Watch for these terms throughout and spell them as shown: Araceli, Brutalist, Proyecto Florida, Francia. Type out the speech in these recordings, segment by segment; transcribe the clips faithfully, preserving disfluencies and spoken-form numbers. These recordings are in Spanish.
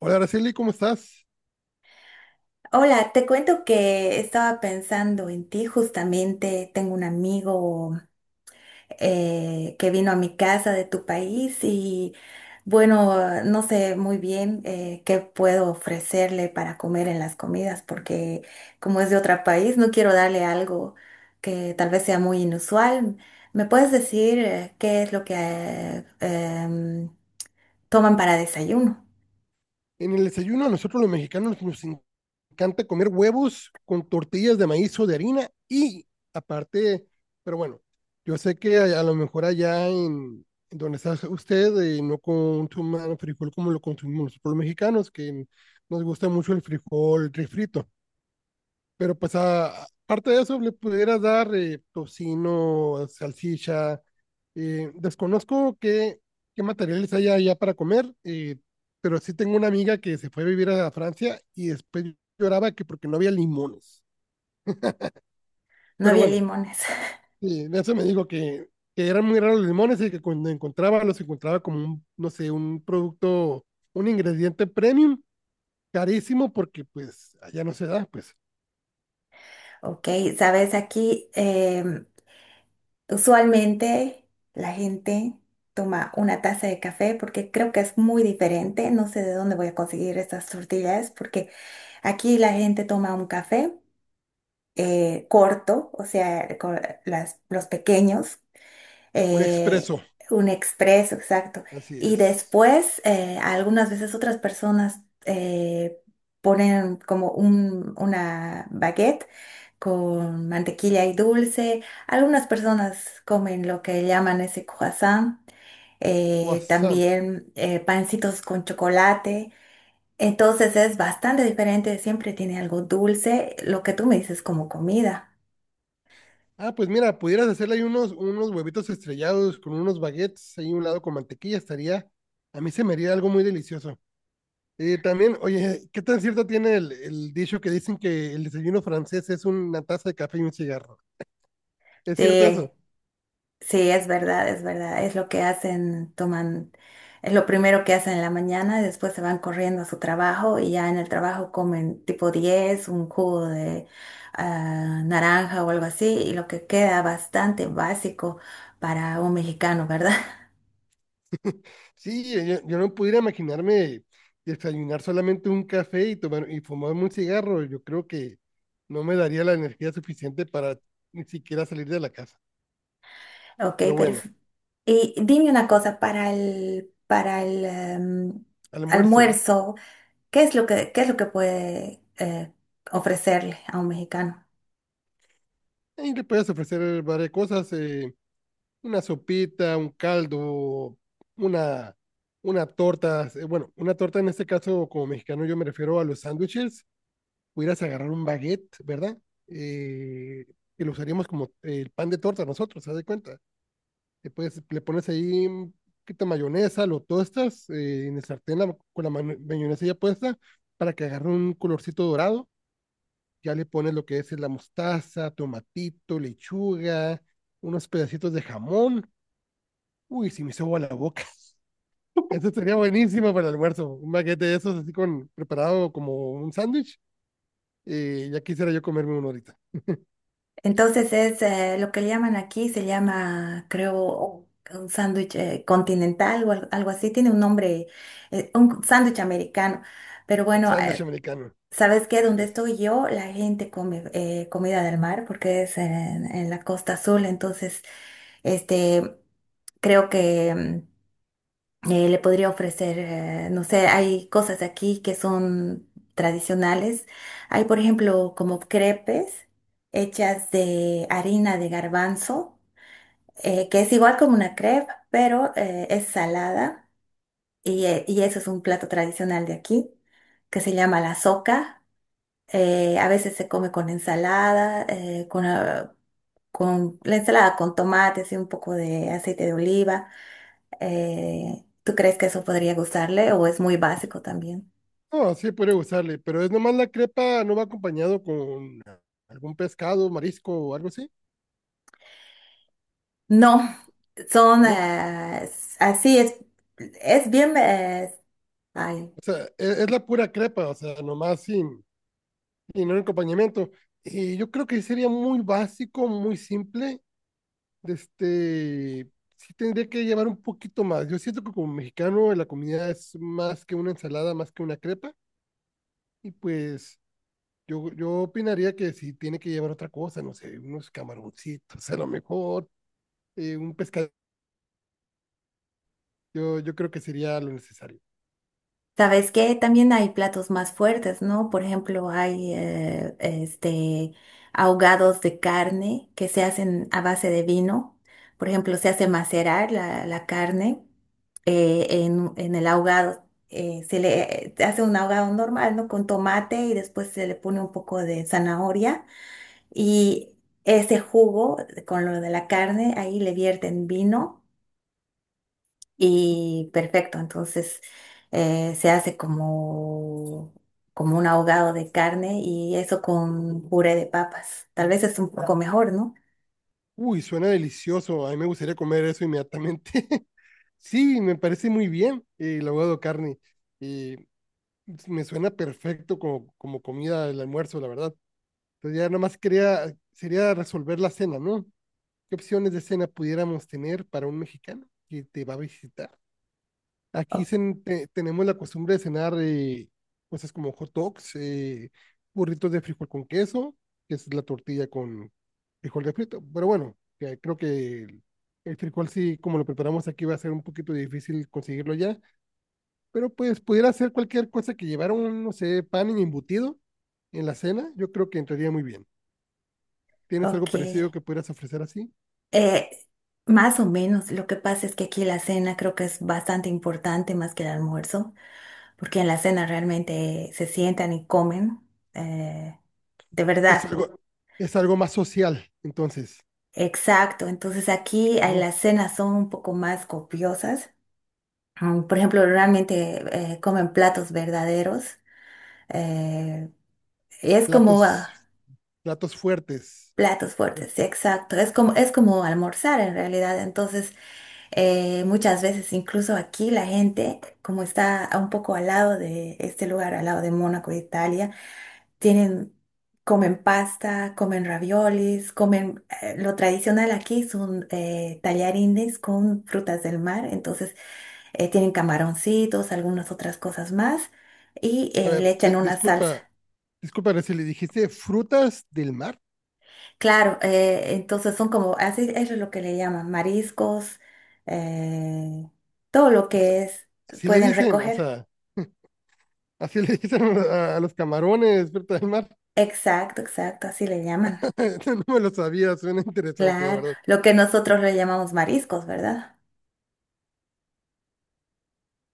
Hola, Araceli, ¿cómo estás? Hola, te cuento que estaba pensando en ti justamente. Tengo un amigo eh, que vino a mi casa de tu país y bueno, no sé muy bien eh, qué puedo ofrecerle para comer en las comidas porque como es de otro país, no quiero darle algo que tal vez sea muy inusual. ¿Me puedes decir eh, qué es lo que eh, em, toman para desayuno? En el desayuno a nosotros los mexicanos nos en- encanta comer huevos con tortillas de maíz o de harina y aparte, pero bueno, yo sé que a, a lo mejor allá en, en donde está usted eh, no consuman frijol como lo consumimos nosotros los mexicanos, que nos gusta mucho el frijol refrito. Pero pues a- aparte de eso, le pudieras dar eh, tocino, salchicha. Eh, desconozco qué, qué materiales hay allá para comer, eh, pero sí tengo una amiga que se fue a vivir a Francia y después lloraba que porque no había limones. No Pero había bueno, limones. sí, de eso me digo que, que eran muy raros los limones y que cuando encontraba los encontraba como un, no sé, un producto, un ingrediente premium, carísimo porque pues allá no se da, pues Ok, sabes, aquí em, usualmente la gente toma una taza de café porque creo que es muy diferente. No sé de dónde voy a conseguir estas tortillas porque aquí la gente toma un café eh, corto, o sea, co- las- los pequeños, un eh, expreso, un expreso, exacto. así Y es. después, eh, algunas veces otras personas eh, ponen como un, una baguette con mantequilla y dulce. Algunas personas comen lo que llaman ese croissant. eh, Croissant. También, eh, pancitos con chocolate. Entonces es bastante diferente, siempre tiene algo dulce, lo que tú me dices como comida. Ah, pues mira, pudieras hacerle ahí unos, unos huevitos estrellados con unos baguettes ahí un lado con mantequilla, estaría, a mí se me haría algo muy delicioso. Eh, también, oye, ¿qué tan cierto tiene el, el dicho que dicen que el desayuno francés es una taza de café y un cigarro? ¿Es cierto Sí, eso? sí, es verdad, es verdad. Es lo que hacen, toman, es lo primero que hacen en la mañana, después se van corriendo a su trabajo y ya en el trabajo comen tipo diez un jugo de ah, naranja o algo así, y lo que queda bastante básico para un mexicano, ¿verdad? Sí, eh, yo, yo no pudiera imaginarme desayunar solamente un café y tomar y fumarme un cigarro. Yo creo que no me daría la energía suficiente para ni siquiera salir de la casa. Ok, Pero pero bueno, y dime una cosa, para el, para el em, almuerzo, almuerzo, ¿qué es lo que, qué es lo que puede eh, ofrecerle a un mexicano? ahí le puedes ofrecer varias cosas. Eh, una sopita, un caldo, una, una torta. eh, Bueno, una torta en este caso, como mexicano, yo me refiero a los sándwiches. Pudieras agarrar un baguette, ¿verdad? Eh, que lo usaríamos como eh, el pan de torta nosotros, haz de cuenta. Le, puedes- le pones ahí un poquito de mayonesa, lo tostas eh, en el sartén la- con la mano- mayonesa ya puesta para que agarre un colorcito dorado. Ya le pones lo que es la mostaza, tomatito, lechuga, unos pedacitos de jamón. Uy, si me hizo agua la boca. Esto sería buenísimo para el almuerzo. Un baguette de esos así con preparado como un sándwich. Y ya quisiera yo comerme uno ahorita. Entonces es eh, lo que le llaman aquí, se llama, creo, un sándwich eh, continental o al- algo así, tiene un nombre, eh, un sándwich americano. Pero bueno, Sándwich eh, americano. ¿sabes qué? Así Donde es. estoy yo, la gente come eh, comida del mar porque es en, en la costa azul, entonces, este, creo que mm, eh, le podría ofrecer, eh, no sé, hay cosas aquí que son tradicionales. Hay, por ejemplo, como crepes hechas de harina de garbanzo, eh, que es igual como una crepe, pero eh, es salada. Y, eh, y eso es un plato tradicional de aquí, que se llama la soca. Eh, a veces se come con ensalada, eh, con, ah, con la ensalada con tomates y un poco de aceite de oliva. Eh, ¿tú crees que eso podría gustarle o es muy básico también? No, sí puede gustarle, pero es nomás la crepa, no va acompañado con algún pescado, marisco o algo así. No, son No, eh, así es, es bien, eh, ay, o sea, es, es la pura crepa, o sea, nomás sin, sin un acompañamiento. Y yo creo que sería muy básico, muy simple de este, sí tendría que llevar un poquito más. Yo siento que como mexicano la comida es más que una ensalada, más que una crepa, y pues yo, yo opinaría que si tiene que llevar otra cosa, no sé, unos camaroncitos a lo mejor, eh, un pescado, yo, yo creo que sería lo necesario. Sabes que también hay platos más fuertes, ¿no? Por ejemplo, hay eh, este, ahogados de carne que se hacen a base de vino. Por ejemplo, se hace macerar la, la carne eh, en, en el ahogado. Eh, se le se hace un ahogado normal, ¿no? Con tomate y después se le pone un poco de zanahoria y ese jugo con lo de la carne, ahí le vierten vino y perfecto, entonces eh, se hace como, como un ahogado de carne y eso con puré de papas. Tal vez es un poco mejor, ¿no? Uy, suena delicioso, a mí me gustaría comer eso inmediatamente. Sí, me parece muy bien eh, el ahogado carne. eh, Me suena perfecto como, como comida del almuerzo, la verdad. Entonces ya nomás quería, sería resolver la cena, ¿no? ¿Qué opciones de cena pudiéramos tener para un mexicano que te va a visitar? O- Aquí cen- te- tenemos la costumbre de cenar eh, cosas como hot dogs, eh, burritos de frijol con queso, que es la tortilla con frijol de frito. Pero bueno, que creo que el, el frijol sí, como lo preparamos aquí, va a ser un poquito difícil conseguirlo ya. Pero pues pudiera ser cualquier cosa que llevara un, no sé, pan y embutido en la cena, yo creo que entraría muy bien. ¿Tienes ok. algo parecido que pudieras ofrecer así? Eh, Más o menos, lo que pasa es que aquí la cena creo que es bastante importante más que el almuerzo, porque en la cena realmente se sientan y comen, eh, de verdad. Es algo, es algo más social, entonces, Exacto, entonces aquí eh, ¿no? las cenas son un poco más copiosas. Um, por ejemplo, realmente eh, comen platos verdaderos. eh, es como Platos, ah, platos fuertes. Platos fuertes, sí, exacto. Es como, es como almorzar en realidad. Entonces, eh, muchas veces, incluso aquí, la gente, como está un poco al lado de este lugar, al lado de Mónaco, Italia, tienen, comen pasta, comen raviolis, comen eh, lo tradicional aquí son eh, tallarines con frutas del mar, entonces eh, tienen camaroncitos, algunas otras cosas más y A eh, ver, le echan di- una salsa. disculpa, disculpa si le dijiste frutas del mar. Claro, eh, entonces son como, así eso es lo que le llaman mariscos, eh, todo lo que es, Así le pueden dicen, o recoger. sea, así le dicen a, a los camarones, frutas del mar. Exacto, exacto, así le llaman. No me lo sabía, suena interesante, la Claro, verdad. lo que nosotros le llamamos mariscos, ¿verdad?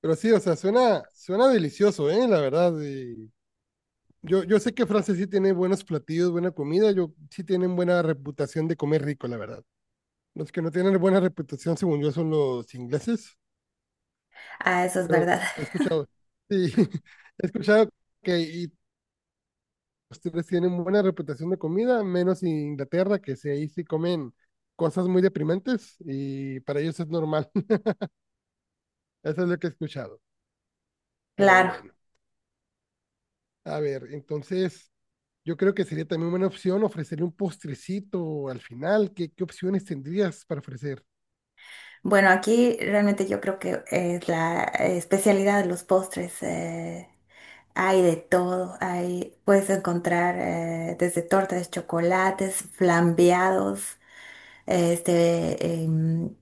Pero sí, o sea, suena, suena delicioso, ¿eh? La verdad. Y yo, yo sé que Francia sí tiene buenos platillos, buena comida, yo sí tienen buena reputación de comer rico, la verdad. Los que no tienen buena reputación, según yo, son los ingleses, Ah, eso es pero verdad. he escuchado. Sí, he escuchado que y ustedes tienen buena reputación de comida, menos Inglaterra, que sí, ahí sí comen cosas muy deprimentes y para ellos es normal. Eso es lo que he escuchado. Pero Claro. bueno, a ver, entonces yo creo que sería también buena opción ofrecerle un postrecito al final. ¿Qué, qué opciones tendrías para ofrecer? Bueno, aquí realmente yo creo que es la especialidad de los postres. Eh, hay de todo, hay, puedes encontrar eh, desde tortas, chocolates, flambeados, este, em,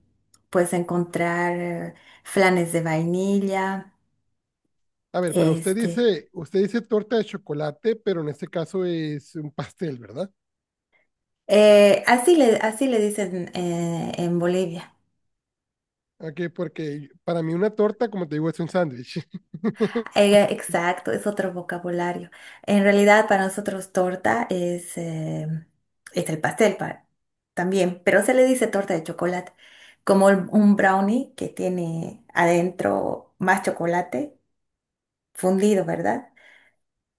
puedes encontrar eh, flanes de vainilla, A ver, pero usted este, dice, usted dice torta de chocolate, pero en este caso es un pastel, ¿verdad? eh, así le, así le dicen eh, en Bolivia. Ok, porque para mí una torta, como te digo, es un sándwich. Eh, Exacto, es otro vocabulario. En realidad para nosotros torta es, eh, es el pastel pa- también, pero se le dice torta de chocolate, como el- un brownie que tiene adentro más chocolate fundido, ¿verdad?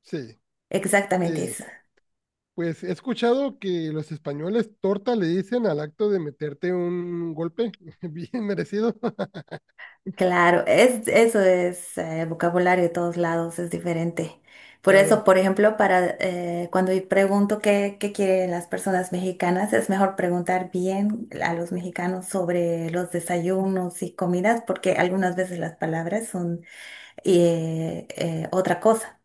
Sí. Exactamente, eh, es pues he escuchado que los españoles torta le dicen al acto de meterte un golpe bien merecido. Claro, es, eso es eh, vocabulario de todos lados, es diferente. Por eso, Claro, por ejemplo, para eh, cuando yo pregunto qué, qué quieren las personas mexicanas, es mejor preguntar bien a los mexicanos sobre los desayunos y comidas, porque algunas veces las palabras son eh, eh, otra cosa.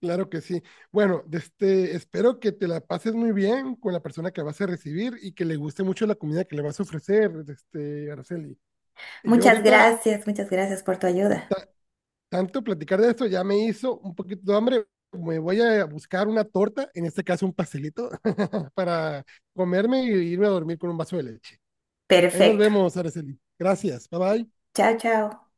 claro que sí. Bueno, de este, espero que te la pases muy bien con la persona que vas a recibir y que le guste mucho la comida que le vas a ofrecer, de este, Araceli. Y yo Muchas ahorita gracias, muchas gracias por tu ayuda. tanto platicar de esto ya me hizo un poquito de hambre. Me voy a buscar una torta, en este caso un pastelito, para comerme y irme a dormir con un vaso de leche. Ahí nos Perfecto. vemos, Araceli. Gracias. Bye bye. Chao, chao.